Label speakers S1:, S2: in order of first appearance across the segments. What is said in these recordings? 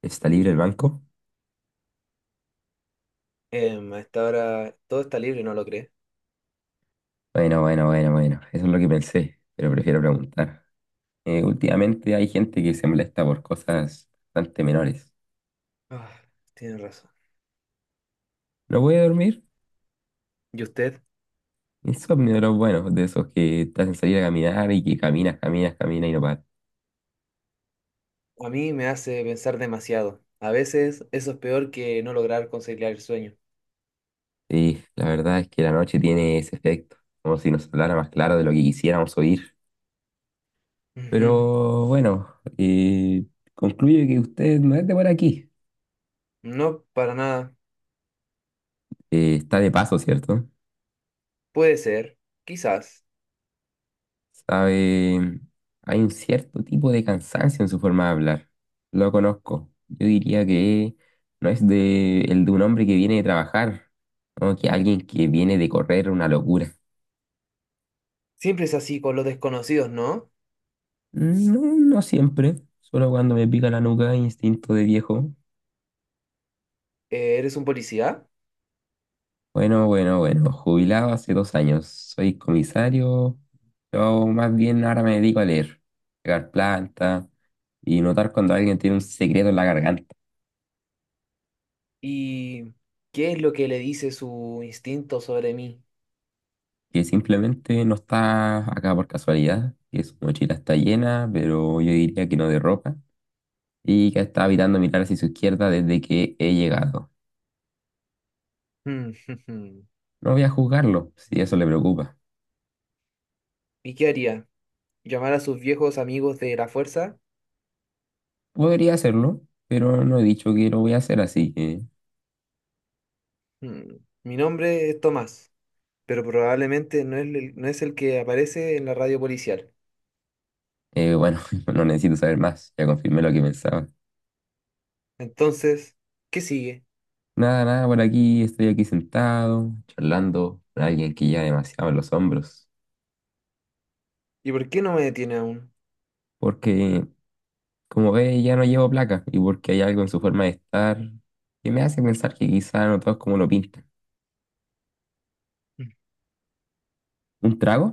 S1: ¿Está libre el banco?
S2: A esta hora todo está libre, ¿no lo cree?
S1: Bueno, bueno, bueno, bueno. Eso es lo que pensé, pero prefiero preguntar. Últimamente hay gente que se molesta por cosas bastante menores.
S2: Ah, tiene razón.
S1: ¿No puede dormir?
S2: ¿Y usted?
S1: Insomnio de los buenos, de esos que te hacen salir a caminar y que caminas, caminas, caminas y no paras.
S2: A mí me hace pensar demasiado. A veces eso es peor que no lograr conciliar el sueño.
S1: Sí, la verdad es que la noche tiene ese efecto, como si nos hablara más claro de lo que quisiéramos oír.
S2: Ujú.
S1: Pero bueno, eh, concluye que usted no es de por aquí.
S2: No, para nada.
S1: Está de paso, ¿cierto?
S2: Puede ser, quizás.
S1: Sabe, hay un cierto tipo de cansancio en su forma de hablar. Lo conozco. Yo diría que no es de, el de un hombre que viene de trabajar, no que alguien que viene de correr una locura.
S2: Siempre es así con los desconocidos, ¿no?
S1: No, no siempre, solo cuando me pica la nuca, instinto de viejo.
S2: ¿Eres un policía?
S1: Bueno, bueno, bueno, jubilado hace 2 años, soy comisario. Yo más bien ahora me dedico a leer, pegar planta y notar cuando alguien tiene un secreto en la garganta.
S2: ¿Y qué es lo que le dice su instinto sobre mí?
S1: Que simplemente no está acá por casualidad, que su mochila está llena, pero yo diría que no de ropa, y que está evitando mirar hacia su izquierda desde que he llegado.
S2: Mm.
S1: No voy a juzgarlo, si eso le preocupa.
S2: ¿Y qué haría? ¿Llamar a sus viejos amigos de la fuerza?
S1: Podría hacerlo, pero no he dicho que lo voy a hacer, así que,
S2: Mm. Mi nombre es Tomás, pero probablemente no es el que aparece en la radio policial.
S1: bueno, no necesito saber más, ya confirmé lo que pensaba.
S2: Entonces, ¿qué sigue?
S1: Nada, nada, por aquí estoy aquí sentado, charlando con alguien que lleva demasiado en los hombros,
S2: ¿Y por qué no me detiene aún?
S1: porque como ve, ya no llevo placa y porque hay algo en su forma de estar que me hace pensar que quizá no todo es como lo pintan. ¿Un trago?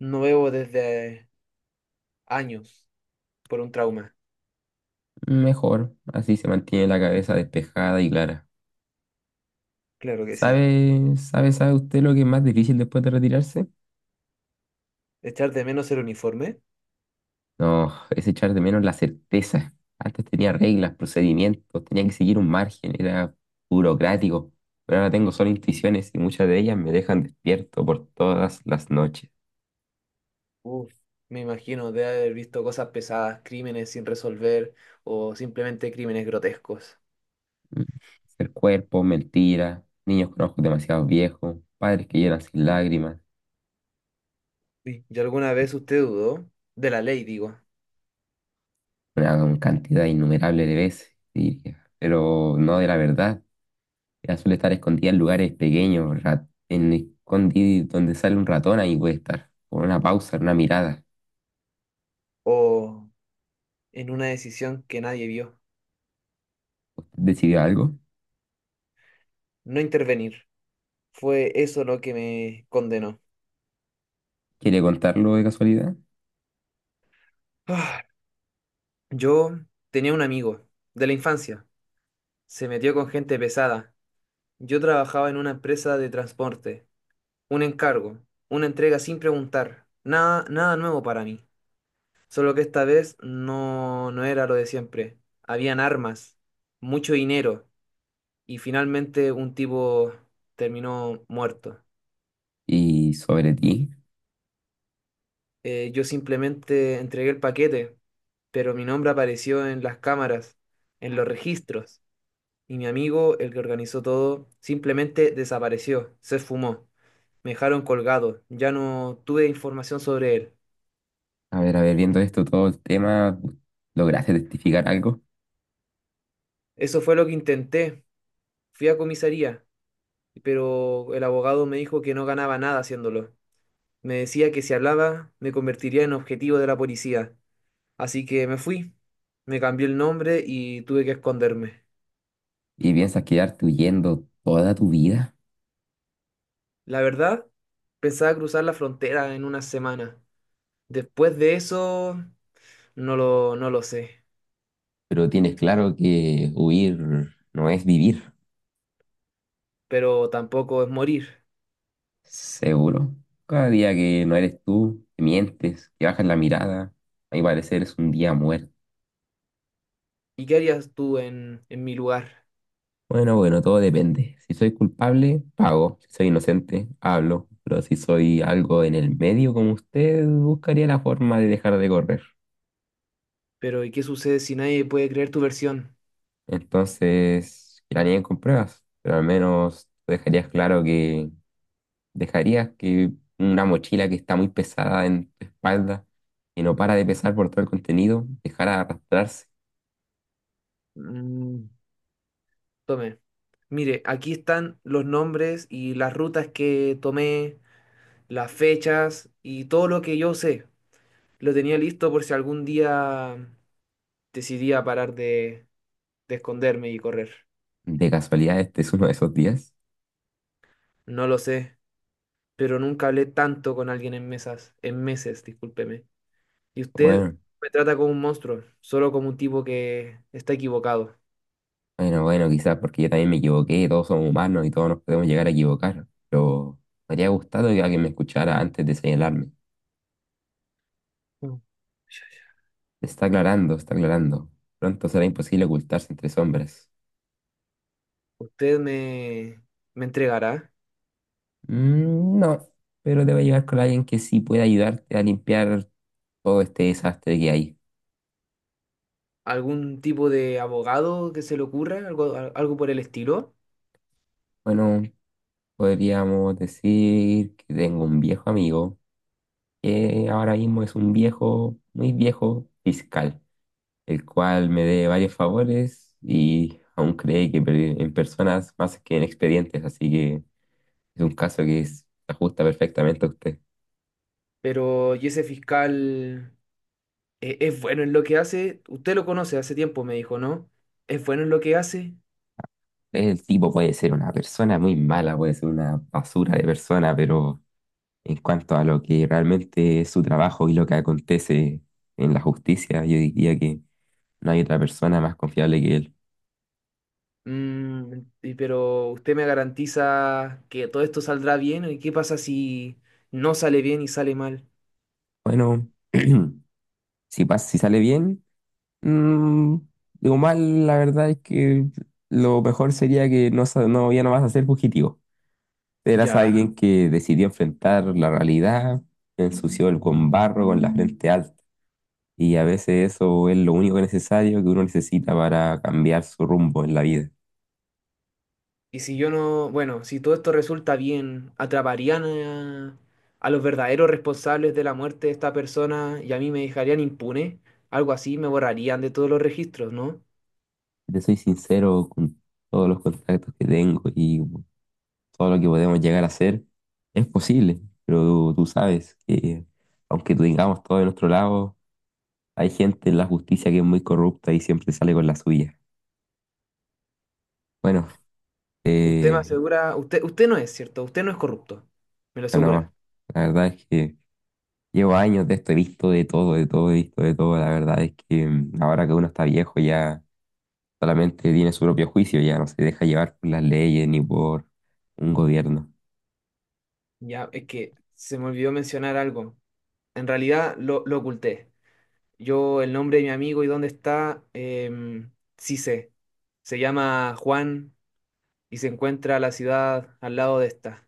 S2: No bebo desde años por un trauma.
S1: Mejor, así se mantiene la cabeza despejada y clara.
S2: Claro que sí.
S1: ¿Sabe usted lo que es más difícil después de retirarse?
S2: ¿Echar de menos el uniforme?
S1: No, es echar de menos la certeza. Antes tenía reglas, procedimientos, tenía que seguir un margen, era burocrático. Pero ahora tengo solo intuiciones y muchas de ellas me dejan despierto por todas las noches.
S2: Uf, me imagino de haber visto cosas pesadas, crímenes sin resolver o simplemente crímenes grotescos.
S1: Mm. Ser cuerpo, mentira, niños con ojos demasiado viejos, padres que lloran sin lágrimas,
S2: Uy, ¿y alguna vez usted dudó? De la ley, digo.
S1: una gran cantidad innumerable de veces, diría, pero no de la verdad. Ella suele estar escondida en lugares pequeños, donde sale un ratón, ahí puede estar, con una pausa, una mirada.
S2: O en una decisión que nadie vio.
S1: ¿Usted decidió algo?
S2: No intervenir. Fue eso lo que me condenó.
S1: ¿Quiere contarlo de casualidad?
S2: Yo tenía un amigo de la infancia. Se metió con gente pesada. Yo trabajaba en una empresa de transporte. Un encargo, una entrega sin preguntar. Nada, nada nuevo para mí. Solo que esta vez no era lo de siempre. Habían armas, mucho dinero y finalmente un tipo terminó muerto.
S1: Y sobre ti,
S2: Yo simplemente entregué el paquete, pero mi nombre apareció en las cámaras, en los registros. Y mi amigo, el que organizó todo, simplemente desapareció, se esfumó. Me dejaron colgado, ya no tuve información sobre él.
S1: a ver, viendo esto, todo el tema, ¿lograste testificar algo?
S2: Eso fue lo que intenté. Fui a comisaría, pero el abogado me dijo que no ganaba nada haciéndolo. Me decía que si hablaba me convertiría en objetivo de la policía. Así que me fui, me cambié el nombre y tuve que esconderme.
S1: ¿Y piensas quedarte huyendo toda tu vida?
S2: La verdad, pensaba cruzar la frontera en una semana. Después de eso, no lo sé.
S1: Pero tienes claro que huir no es vivir.
S2: Pero tampoco es morir.
S1: Seguro. Cada día que no eres tú, que mientes, que bajas la mirada, a mi parecer es un día muerto.
S2: ¿Y qué harías tú en mi lugar?
S1: Bueno, bueno, todo depende. Si soy culpable, pago. Si soy inocente, hablo. Pero si soy algo en el medio como usted, buscaría la forma de dejar de correr.
S2: Pero ¿y qué sucede si nadie puede creer tu versión?
S1: Entonces, que la nieguen con pruebas, pero al menos dejarías claro que, ¿dejarías que una mochila que está muy pesada en tu espalda y no para de pesar por todo el contenido, dejara de arrastrarse?
S2: Mm. Tome. Mire, aquí están los nombres y las rutas que tomé, las fechas y todo lo que yo sé. Lo tenía listo por si algún día decidía parar de, de esconderme y correr.
S1: ¿De casualidad este es uno de esos días?
S2: No lo sé, pero nunca hablé tanto con alguien en meses, discúlpeme. Y usted
S1: Bueno,
S2: me trata como un monstruo, solo como un tipo que está equivocado.
S1: bueno, bueno, quizás porque yo también me equivoqué, todos somos humanos y todos nos podemos llegar a equivocar, pero me habría gustado que alguien me escuchara antes de señalarme.
S2: Mm.
S1: Está aclarando, está aclarando. Pronto será imposible ocultarse entre sombras.
S2: ¿Usted me, ¿Me entregará
S1: Mm, no, pero te voy a llevar con alguien que sí pueda ayudarte a limpiar todo este desastre que hay.
S2: algún tipo de abogado que se le ocurra, algo, algo por el estilo?
S1: Bueno, podríamos decir que tengo un viejo amigo, que ahora mismo es un viejo, muy viejo fiscal, el cual me dé varios favores y aún cree que en personas más que en expedientes, así que es un caso se ajusta perfectamente a usted.
S2: Pero y ese fiscal, es bueno en lo que hace. Usted lo conoce hace tiempo, me dijo, ¿no? ¿Es bueno en lo que hace?
S1: El tipo puede ser una persona muy mala, puede ser una basura de persona, pero en cuanto a lo que realmente es su trabajo y lo que acontece en la justicia, yo diría que no hay otra persona más confiable que él.
S2: Mm, pero usted me garantiza que todo esto saldrá bien. ¿Y qué pasa si no sale bien y sale mal?
S1: Bueno, si sale bien, mm, digo mal, la verdad es que lo mejor sería que no, ya no vas a ser fugitivo. Eras
S2: Ya.
S1: alguien que decidió enfrentar la realidad, ensució el con barro, con la frente alta. Y a veces eso es lo único necesario que uno necesita para cambiar su rumbo en la vida.
S2: Y si yo no, bueno, si todo esto resulta bien, atraparían a los verdaderos responsables de la muerte de esta persona y a mí me dejarían impune, algo así, me borrarían de todos los registros, ¿no?
S1: Te soy sincero, con todos los contactos que tengo y todo lo que podemos llegar a hacer es posible, pero tú sabes que aunque tengamos todo de nuestro lado, hay gente en la justicia que es muy corrupta y siempre sale con la suya. Bueno,
S2: Usted me
S1: eh,
S2: asegura, usted no es, ¿cierto? Usted no es corrupto, me lo asegura.
S1: bueno, la verdad es que llevo años de esto, he visto de todo, he visto de todo. La verdad es que ahora que uno está viejo ya solamente tiene su propio juicio, ya no se deja llevar por las leyes ni por un gobierno.
S2: Ya, es que se me olvidó mencionar algo. En realidad lo oculté. Yo, el nombre de mi amigo y dónde está, sí sé. Se llama Juan y se encuentra la ciudad al lado de esta,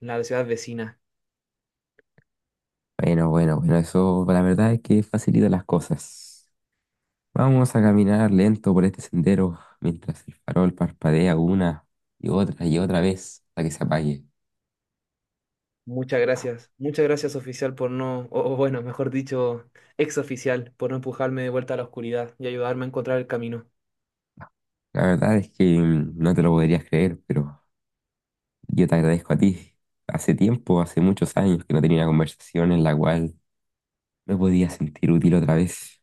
S2: la ciudad vecina.
S1: Bueno, bueno, bueno, eso la verdad es que facilita las cosas. Vamos a caminar lento por este sendero mientras el farol parpadea una y otra vez hasta que se apague.
S2: Muchas gracias. Muchas gracias, oficial, por no, o bueno, mejor dicho, ex oficial, por no empujarme de vuelta a la oscuridad y ayudarme a encontrar el camino.
S1: La verdad es que no te lo podrías creer, pero yo te agradezco a ti. Hace tiempo, hace muchos años que no tenía una conversación en la cual me podía sentir útil otra vez.